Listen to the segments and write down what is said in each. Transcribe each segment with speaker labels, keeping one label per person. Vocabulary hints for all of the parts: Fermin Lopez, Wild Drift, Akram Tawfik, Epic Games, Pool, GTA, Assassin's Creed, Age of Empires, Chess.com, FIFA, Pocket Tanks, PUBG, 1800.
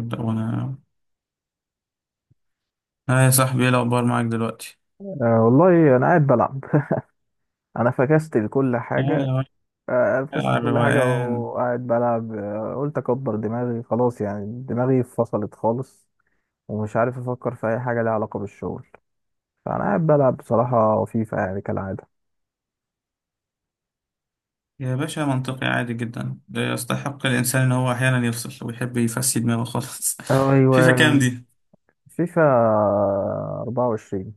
Speaker 1: ابدأ وانا. اه يا صاحبي، ايه الاخبار معاك دلوقتي؟
Speaker 2: أه والله انا قاعد بلعب انا فكست لكل
Speaker 1: اه
Speaker 2: حاجه
Speaker 1: يا باشا،
Speaker 2: فكست
Speaker 1: على
Speaker 2: كل حاجه
Speaker 1: الروقان.
Speaker 2: وقاعد بلعب. قلت اكبر دماغي خلاص، يعني دماغي فصلت خالص. ومش عارف افكر في اي حاجه ليها علاقه بالشغل. فانا قاعد بلعب بصراحه فيفا يعني كالعاده.
Speaker 1: يا باشا منطقي عادي جدا، ده يستحق الانسان ان هو احيانا يفصل ويحب يفسي دماغه خالص.
Speaker 2: ايوه،
Speaker 1: فيفا كام دي؟
Speaker 2: فيفا 24.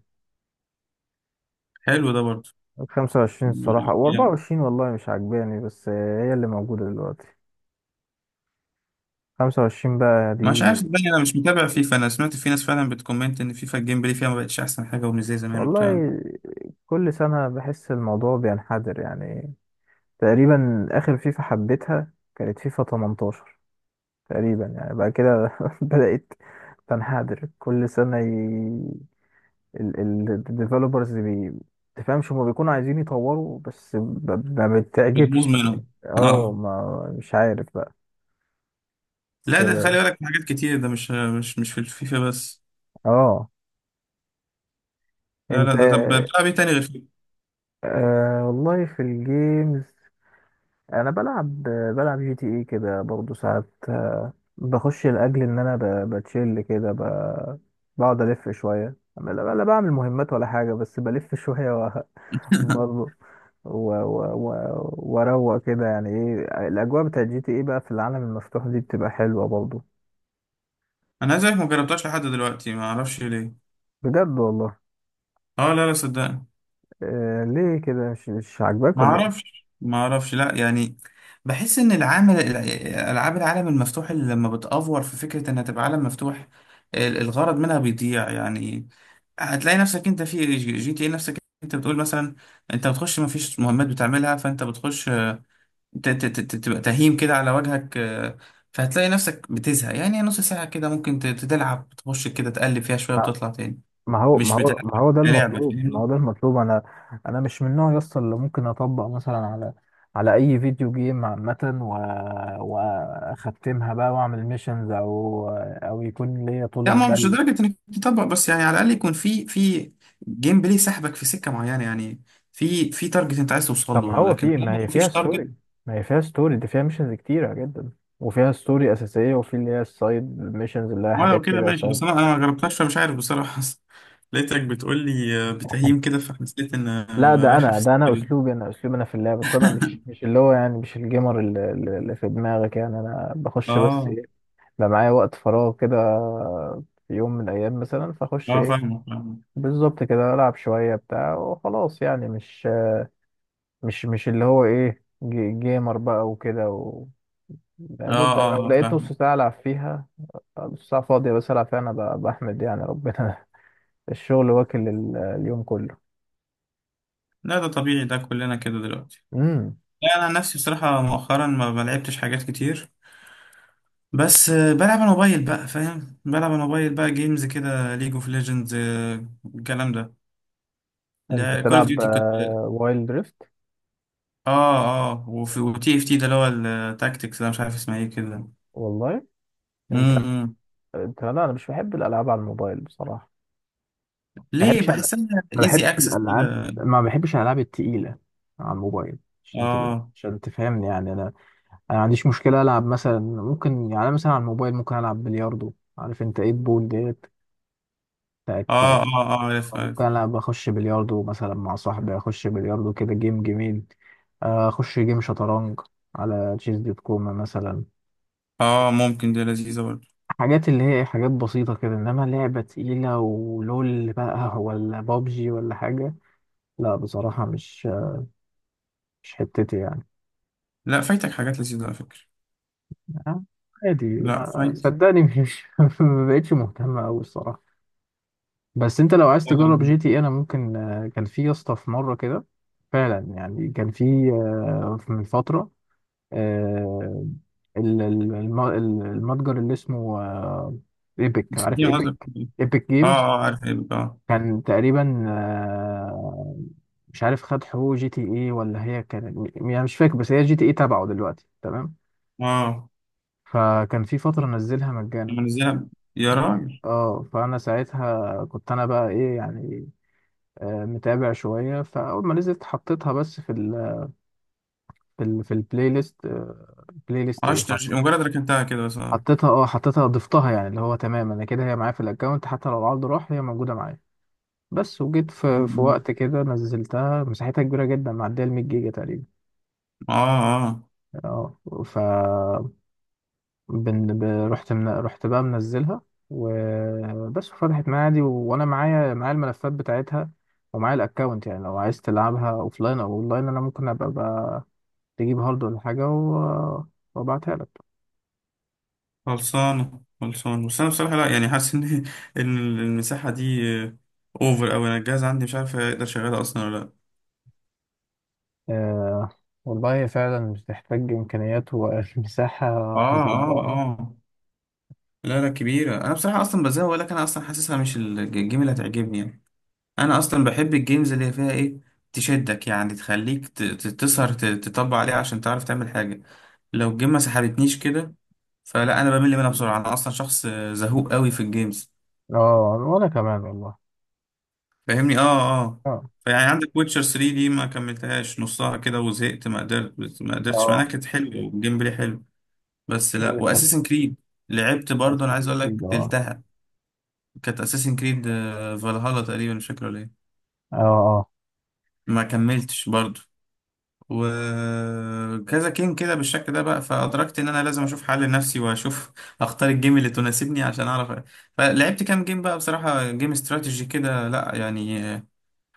Speaker 1: حلو ده برضه.
Speaker 2: 25 الصراحه
Speaker 1: جامد.
Speaker 2: و24، والله مش عاجباني بس هي اللي موجوده دلوقتي. 25 بقى
Speaker 1: مش عارف،
Speaker 2: دي.
Speaker 1: صدقني انا مش متابع فيفا، انا سمعت في ناس فعلا بتكومنت ان فيفا الجيم بلاي فيها ما بقتش احسن حاجه ومش زي زمان وبتاع.
Speaker 2: والله كل سنه بحس الموضوع بينحدر يعني. تقريبا اخر فيفا حبيتها كانت فيفا 18. تقريبا يعني بعد كده بدأت تنحدر كل سنة. الديفلوبرز بي تفهمش، هما بيكونوا عايزين يطوروا بس ما
Speaker 1: بتبوظ
Speaker 2: بتعجبش.
Speaker 1: منهم.
Speaker 2: اه
Speaker 1: اه.
Speaker 2: ما مش عارف بقى. بس
Speaker 1: لا ده
Speaker 2: اه.
Speaker 1: خلي بالك من حاجات كتير، ده مش في الفيفا بس.
Speaker 2: آه.
Speaker 1: لا
Speaker 2: انت.
Speaker 1: لا، ده طب بتلعب ايه تاني غير فيفا؟
Speaker 2: آه والله في الجيمز. انا بلعب جي تي اي كده برضه ساعات، بخش لاجل ان انا بتشيل كده بقعد الف شويه، أما لا لا بعمل مهمات ولا حاجه بس بلف شويه برضه واروق كده. يعني ايه الاجواء بتاعت جي تي اي بقى في العالم المفتوح دي بتبقى حلوه برضه.
Speaker 1: انا زيك، ما جربتهاش لحد دلوقتي، ما اعرفش ليه.
Speaker 2: بجد والله.
Speaker 1: اه لا لا صدقني.
Speaker 2: ليه كده؟ مش عاجباك
Speaker 1: ما
Speaker 2: ولا؟
Speaker 1: اعرفش ما اعرفش، لا يعني بحس ان العامل، العاب العالم المفتوح اللي لما بتأفور في فكرة انها تبقى عالم مفتوح، الغرض منها بيضيع يعني. هتلاقي نفسك انت في جي تي اي، نفسك انت بتقول مثلا انت بتخش ما فيش مهمات بتعملها، فانت بتخش، تبقى تهيم كده على وجهك، فهتلاقي نفسك بتزهق يعني. نص ساعة كده ممكن تلعب، تخش كده تقلب فيها شوية وتطلع تاني.
Speaker 2: ما هو
Speaker 1: مش
Speaker 2: ما هو
Speaker 1: بتلعب
Speaker 2: ما هو ده
Speaker 1: كلعبة،
Speaker 2: المطلوب، ما هو
Speaker 1: فاهمني.
Speaker 2: ده المطلوب. انا مش من النوع يصل اللي ممكن اطبق مثلا على اي فيديو جيم عامة، و... واختمها بقى واعمل ميشنز او يكون ليا طولة
Speaker 1: لا ما هو مش
Speaker 2: بال.
Speaker 1: لدرجة انك تطبق، بس يعني على الأقل يكون في جيم بلاي سحبك في سكة معينة يعني. في تارجت انت عايز توصل
Speaker 2: طب ما
Speaker 1: له،
Speaker 2: هو
Speaker 1: لكن
Speaker 2: في ما
Speaker 1: طالما
Speaker 2: هي فيها
Speaker 1: مفيش
Speaker 2: ستوري
Speaker 1: تارجت.
Speaker 2: ما هي فيها ستوري دي فيها ميشنز كتيرة جدا، وفيها ستوري أساسية وفي اللي هي السايد ميشنز اللي هي
Speaker 1: ما لو
Speaker 2: حاجات
Speaker 1: كده
Speaker 2: كده
Speaker 1: ماشي،
Speaker 2: سايد.
Speaker 1: بس انا ما جربتهاش، فمش عارف بصراحة. لقيتك بتقول لي بتهيم كده، فحسيت ان
Speaker 2: لا، ده
Speaker 1: رايحة في
Speaker 2: أنا
Speaker 1: السكة
Speaker 2: ده أنا
Speaker 1: دي.
Speaker 2: أسلوبي، أنا أسلوبي أنا في اللعب. بس أنا مش اللي هو يعني مش الجيمر اللي في دماغك، يعني أنا بخش بس
Speaker 1: اه
Speaker 2: إيه؟ لو معايا وقت فراغ كده في يوم من الأيام مثلا، فأخش
Speaker 1: اه،
Speaker 2: إيه؟
Speaker 1: فاهمك فاهمك.
Speaker 2: بالظبط كده ألعب شوية بتاع وخلاص، يعني مش اللي هو إيه جيمر بقى وكده. و
Speaker 1: اه
Speaker 2: يا دوب ده أنا
Speaker 1: اه
Speaker 2: لو
Speaker 1: اه،
Speaker 2: لقيت
Speaker 1: فاهمك.
Speaker 2: نص ساعة ألعب فيها، نص ساعة فاضية بس ألعب فيها. أنا بحمد يعني ربنا. الشغل واكل اليوم كله.
Speaker 1: لا ده طبيعي، ده كلنا كده دلوقتي.
Speaker 2: امم
Speaker 1: لا انا عن نفسي بصراحة مؤخرا ما لعبتش حاجات كتير، بس بلعب على الموبايل بقى، فاهم، بلعب على الموبايل بقى جيمز كده، ليج اوف ليجندز الكلام ده،
Speaker 2: أنت
Speaker 1: لا كول اوف
Speaker 2: بتلعب
Speaker 1: ديوتي كنت.
Speaker 2: وايلد دريفت؟
Speaker 1: اه اه، وفي وتي اف تي ده اللي هو التاكتكس، ده مش عارف اسمها ايه كده.
Speaker 2: والله. أنت
Speaker 1: امم
Speaker 2: أنت لا أنا مش بحب الألعاب على الموبايل بصراحة. ما
Speaker 1: ليه؟
Speaker 2: بحبش ألعب.
Speaker 1: بحسها
Speaker 2: ما
Speaker 1: ايزي
Speaker 2: بحبش
Speaker 1: اكسس
Speaker 2: الالعاب،
Speaker 1: كده.
Speaker 2: ما بحبش الالعاب التقيله على الموبايل.
Speaker 1: اه
Speaker 2: عشان تفهمني يعني، انا ما عنديش مشكله العب مثلا، ممكن يعني أنا مثلا على الموبايل ممكن العب بلياردو. عارف انت ايه البول ديت
Speaker 1: اه
Speaker 2: بتاعت؟
Speaker 1: اه. اه عارف
Speaker 2: ممكن
Speaker 1: عارف.
Speaker 2: العب اخش بلياردو مثلا مع صاحبي، اخش بلياردو كده جيم جميل. اخش جيم شطرنج على تشيز دوت كوم مثلا.
Speaker 1: اه ممكن، دي لذيذة برضه.
Speaker 2: حاجات اللي هي حاجات بسيطة كده، إنما لعبة تقيلة ولول بقى ولا بابجي ولا حاجة، لا بصراحة مش حتتي يعني.
Speaker 1: لا فايتك حاجات لذيذة على فكرة.
Speaker 2: آه، عادي
Speaker 1: لا
Speaker 2: ما
Speaker 1: فايت.
Speaker 2: صدقني مش ما بقتش مهتم أوي الصراحة. بس أنت لو عايز تجرب
Speaker 1: آه،
Speaker 2: جي تي إيه، أنا ممكن، كان في يا اسطى في مرة كده، فعلا يعني كان في من فترة، آه، المتجر اللي اسمه ايبك. عارف
Speaker 1: مسكين قصدك.
Speaker 2: ايبك؟ ايبك
Speaker 1: اه
Speaker 2: جيمز.
Speaker 1: اه، عارف، ايه بقى.
Speaker 2: كان تقريبا مش عارف، خد حقوق جي تي اي ولا هي كانت يعني، مش فاكر، بس هي جي تي اي تبعه دلوقتي، تمام.
Speaker 1: اه
Speaker 2: فكان في فترة نزلها مجانا.
Speaker 1: منزلها، يا راجل!
Speaker 2: اه فأنا ساعتها كنت أنا بقى إيه يعني، متابع شوية، فأول ما نزلت حطيتها بس في البلاي ليست، بلاي ليست إيه
Speaker 1: عشت
Speaker 2: حط،
Speaker 1: مجرد ركنتها كده، بس اه.
Speaker 2: حطيتها. ضفتها، يعني اللي هو تمام، أنا كده هي معايا في الأكونت، حتى لو العرض راح هي موجودة معايا. بس وجيت
Speaker 1: م-
Speaker 2: في
Speaker 1: م.
Speaker 2: وقت كده نزلتها، مساحتها كبيرة جدا، معدية ال 100 جيجا تقريبا.
Speaker 1: اه اه.
Speaker 2: اه ف بن... ب... رحت من... رحت بقى منزلها وبس، وفتحت معايا عادي، و... وانا معايا الملفات بتاعتها ومعايا الاكونت. يعني لو عايز تلعبها اوفلاين او اونلاين، انا ممكن ابقى بقى تجيب هارد ولا حاجه و... وابعتها لك.
Speaker 1: خلصانة خلصانة، بس انا بصراحة لا يعني حاسس ان ان المساحة دي اوفر اوي، انا الجهاز عندي مش عارف اقدر اشغلها اصلا ولا لا.
Speaker 2: آه... والله هي فعلا بتحتاج امكانيات ومساحه
Speaker 1: اه اه
Speaker 2: جباره.
Speaker 1: اه. لا لا كبيرة، انا بصراحة اصلا بزهق لك، انا اصلا حاسسها مش الجيم اللي هتعجبني يعني. انا اصلا بحب الجيمز اللي فيها ايه، تشدك يعني، تخليك تسهر، تطبق عليها عشان تعرف تعمل حاجة. لو الجيم ما سحبتنيش كده، فلا انا بمل منها بسرعة، انا اصلا شخص زهوق قوي في الجيمز،
Speaker 2: اه وانا كمان والله.
Speaker 1: فاهمني. اه اه.
Speaker 2: اه
Speaker 1: فيعني عندك ويتشر 3 دي ما كملتهاش نصها كده وزهقت، ما قدرت ما قدرتش معناها،
Speaker 2: اه
Speaker 1: كانت حلوه والجيم بلاي حلو بس. لا
Speaker 2: وبتحب
Speaker 1: واساسن كريد لعبت برضه، انا عايز
Speaker 2: Assassin's
Speaker 1: اقول
Speaker 2: Creed،
Speaker 1: لك
Speaker 2: اه.
Speaker 1: تلتها، كانت اساسن كريد فالهالا تقريبا، مش فاكر ولا ايه.
Speaker 2: اه اه،
Speaker 1: ما كملتش برضه. وكذا جيم كده بالشكل ده بقى، فادركت ان انا لازم اشوف حل لنفسي واشوف اختار الجيم اللي تناسبني عشان اعرف. فلعبت كام جيم بقى بصراحه، جيم استراتيجي كده، لا يعني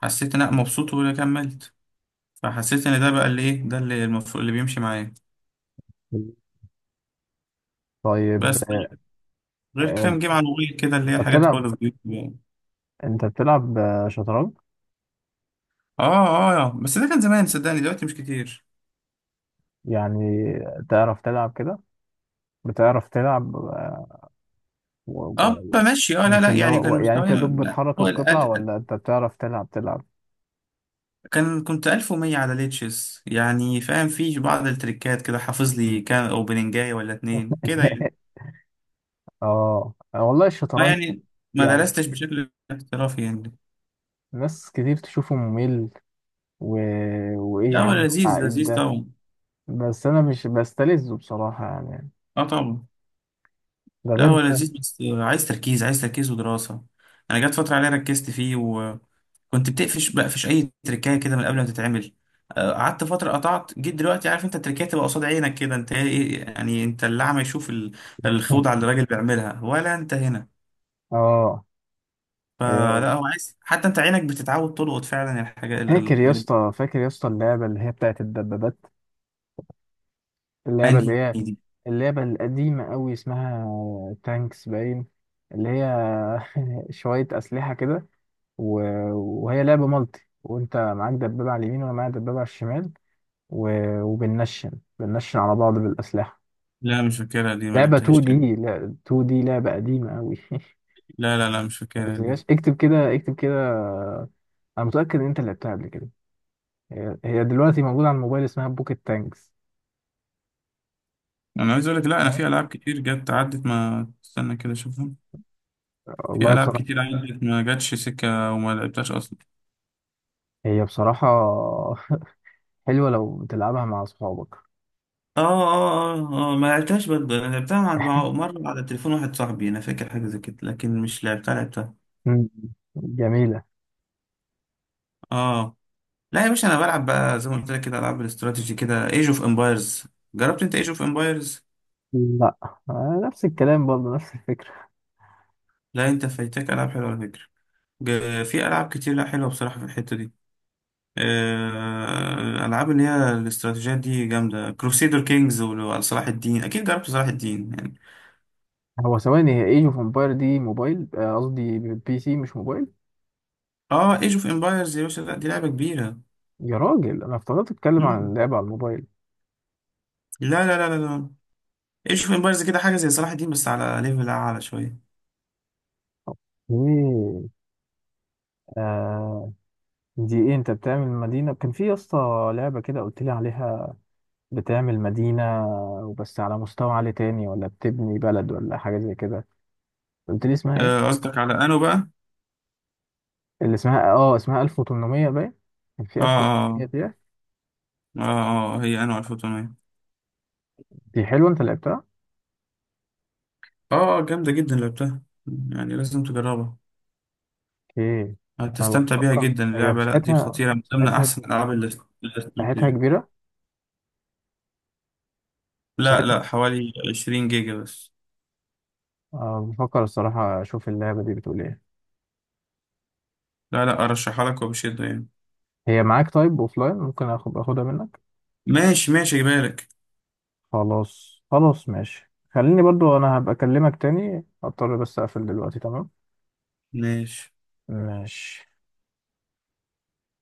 Speaker 1: حسيت ان انا مبسوط وكملت، فحسيت ان ده بقى اللي ايه، ده اللي المفروض اللي بيمشي معايا.
Speaker 2: طيب،
Speaker 1: بس غير
Speaker 2: آه،
Speaker 1: كام جيم على الموبايل كده، اللي
Speaker 2: انت
Speaker 1: هي حاجات
Speaker 2: بتلعب
Speaker 1: خالص دي يعني.
Speaker 2: انت بتلعب شطرنج؟
Speaker 1: اه اه، بس ده كان زمان صدقني، دلوقتي مش كتير.
Speaker 2: يعني تعرف تلعب كده؟ بتعرف تلعب و...
Speaker 1: اه
Speaker 2: و...
Speaker 1: بمشي، اه لا
Speaker 2: مش
Speaker 1: لا
Speaker 2: اللي
Speaker 1: يعني
Speaker 2: هو،
Speaker 1: كان
Speaker 2: يعني انت
Speaker 1: مستواي
Speaker 2: يا دوب
Speaker 1: لا
Speaker 2: بتحرك
Speaker 1: فوق
Speaker 2: القطع
Speaker 1: الألف،
Speaker 2: ولا انت بتعرف تلعب
Speaker 1: كان كنت 1100 على ليتشس يعني، فاهم في بعض التريكات كده، حافظ لي كام اوبننجاية ولا اتنين كده يعني.
Speaker 2: اه والله
Speaker 1: ما
Speaker 2: الشطرنج،
Speaker 1: يعني ما
Speaker 2: يعني
Speaker 1: درستش بشكل احترافي يعني.
Speaker 2: ناس كتير تشوفه ممل، و... وايه
Speaker 1: لا
Speaker 2: يا
Speaker 1: هو
Speaker 2: عم
Speaker 1: لذيذ
Speaker 2: التعقيد
Speaker 1: لذيذ
Speaker 2: ده.
Speaker 1: طبعا.
Speaker 2: بس انا مش بستلذه بصراحة، يعني.
Speaker 1: اه طبعا.
Speaker 2: ده
Speaker 1: لا
Speaker 2: غير
Speaker 1: هو
Speaker 2: بقى.
Speaker 1: لذيذ، بس عايز تركيز، عايز تركيز ودراسة. أنا جت فترة عليا ركزت فيه وكنت بتقفش، بقفش أي تركاية كده من قبل ما تتعمل. قعدت فترة قطعت، جيت دلوقتي عارف أنت التركاية تبقى قصاد عينك كده، أنت إيه يعني؟ أنت اللي أعمى يشوف الخوضة اللي الراجل بيعملها، ولا أنت هنا.
Speaker 2: اه آه،
Speaker 1: فلا هو عايز حتى أنت عينك بتتعود تلقط فعلا الحاجات،
Speaker 2: فاكر يا
Speaker 1: الحاجات دي.
Speaker 2: اسطى، فاكر يا اسطى اللعبة اللي هي بتاعت الدبابات، اللعبة اللي
Speaker 1: أنهي
Speaker 2: هي
Speaker 1: دي؟
Speaker 2: اللعبة القديمة أوي اسمها تانكس باين، اللي هي شوية أسلحة كده، و... وهي لعبة مالتي وأنت معاك دبابة على اليمين وأنا معايا دبابة على الشمال، و... وبننشن، بننشن على بعض بالأسلحة.
Speaker 1: لا مش فاكرها دي، ما
Speaker 2: لعبة 2
Speaker 1: لعبتهاش تاني.
Speaker 2: دي، لا 2 دي لعبة قديمة أوي
Speaker 1: لا مش فاكرها دي.
Speaker 2: متنساهاش. اكتب كده اكتب كده. أنا متأكد إن أنت لعبتها قبل كده. هي هي دلوقتي موجودة على الموبايل اسمها بوكيت تانكس.
Speaker 1: أنا عايز أقول لك، لا أنا
Speaker 2: اه
Speaker 1: في ألعاب كتير جت عدت ما استنى كده أشوفها، في
Speaker 2: والله
Speaker 1: ألعاب
Speaker 2: بصراحة،
Speaker 1: كتير عندك ما جاتش سكة وما لعبتهاش أصلا.
Speaker 2: هي بصراحة حلوة لو تلعبها مع أصحابك.
Speaker 1: اه اه اه، ما لعبتهاش برضه، انا لعبتها عند مرة على تليفون واحد صاحبي، انا فاكر حاجة زي كده لكن مش لعبتها لعبتها.
Speaker 2: مم. جميلة.
Speaker 1: آه. لا يا باشا انا بلعب بقى زي ما قلت لك كده العاب الاستراتيجي كده، ايج اوف امبايرز. جربت انت ايج اوف امبايرز؟
Speaker 2: لا، نفس الكلام برضه، نفس الفكرة.
Speaker 1: لا انت فايتك العاب حلوه على فكره، في العاب كتير، لا حلوه بصراحه في الحته دي. العاب اللي هي الاستراتيجيات دي جامده، كروسيدر كينجز وصلاح الدين، اكيد جربت صلاح الدين يعني.
Speaker 2: هو ثواني، هي ايج اوف امباير دي موبايل، قصدي بي سي مش موبايل؟
Speaker 1: اه ايج اوف امبايرز يا باشا، لا دي لعبه كبيره.
Speaker 2: يا راجل انا افتكرت اتكلم عن
Speaker 1: مم.
Speaker 2: اللعبة على الموبايل.
Speaker 1: لا، ايج اوف امبايرز كده حاجه زي صلاح الدين، بس على ليفل اعلى شويه.
Speaker 2: اوكي. آه دي ايه، انت بتعمل مدينة؟ كان في يا اسطى لعبة كده قلت لي عليها، بتعمل مدينة وبس على مستوى عالي تاني ولا بتبني بلد ولا حاجة زي كده، قلت لي اسمها ايه؟
Speaker 1: قصدك على انو بقى.
Speaker 2: اللي اسمها اسمها 1800 باين، كان في
Speaker 1: اه
Speaker 2: 1800
Speaker 1: اه
Speaker 2: دي.
Speaker 1: اه اه، هي انو 1800.
Speaker 2: دي حلوة، انت لعبتها؟
Speaker 1: اه جامده جدا، لعبتها يعني لازم تجربها،
Speaker 2: اوكي. انا
Speaker 1: هتستمتع بيها
Speaker 2: بفكر،
Speaker 1: جدا
Speaker 2: هي
Speaker 1: اللعبه. لا دي خطيره من ضمن احسن الالعاب
Speaker 2: مساحتها
Speaker 1: الاستراتيجي.
Speaker 2: كبيرة.
Speaker 1: لا
Speaker 2: مساحتها
Speaker 1: لا حوالي 20 جيجا بس.
Speaker 2: أه بفكر الصراحة اشوف اللعبة دي بتقول ايه.
Speaker 1: لا لا ارشحها لك وبشده يعني.
Speaker 2: هي معاك طيب اوفلاين؟ ممكن اخدها منك.
Speaker 1: ماشي، ماشي بالك.
Speaker 2: خلاص خلاص ماشي، خليني برضو، انا هبقى اكلمك تاني، اضطر بس اقفل دلوقتي، تمام.
Speaker 1: ماشي.
Speaker 2: ماشي.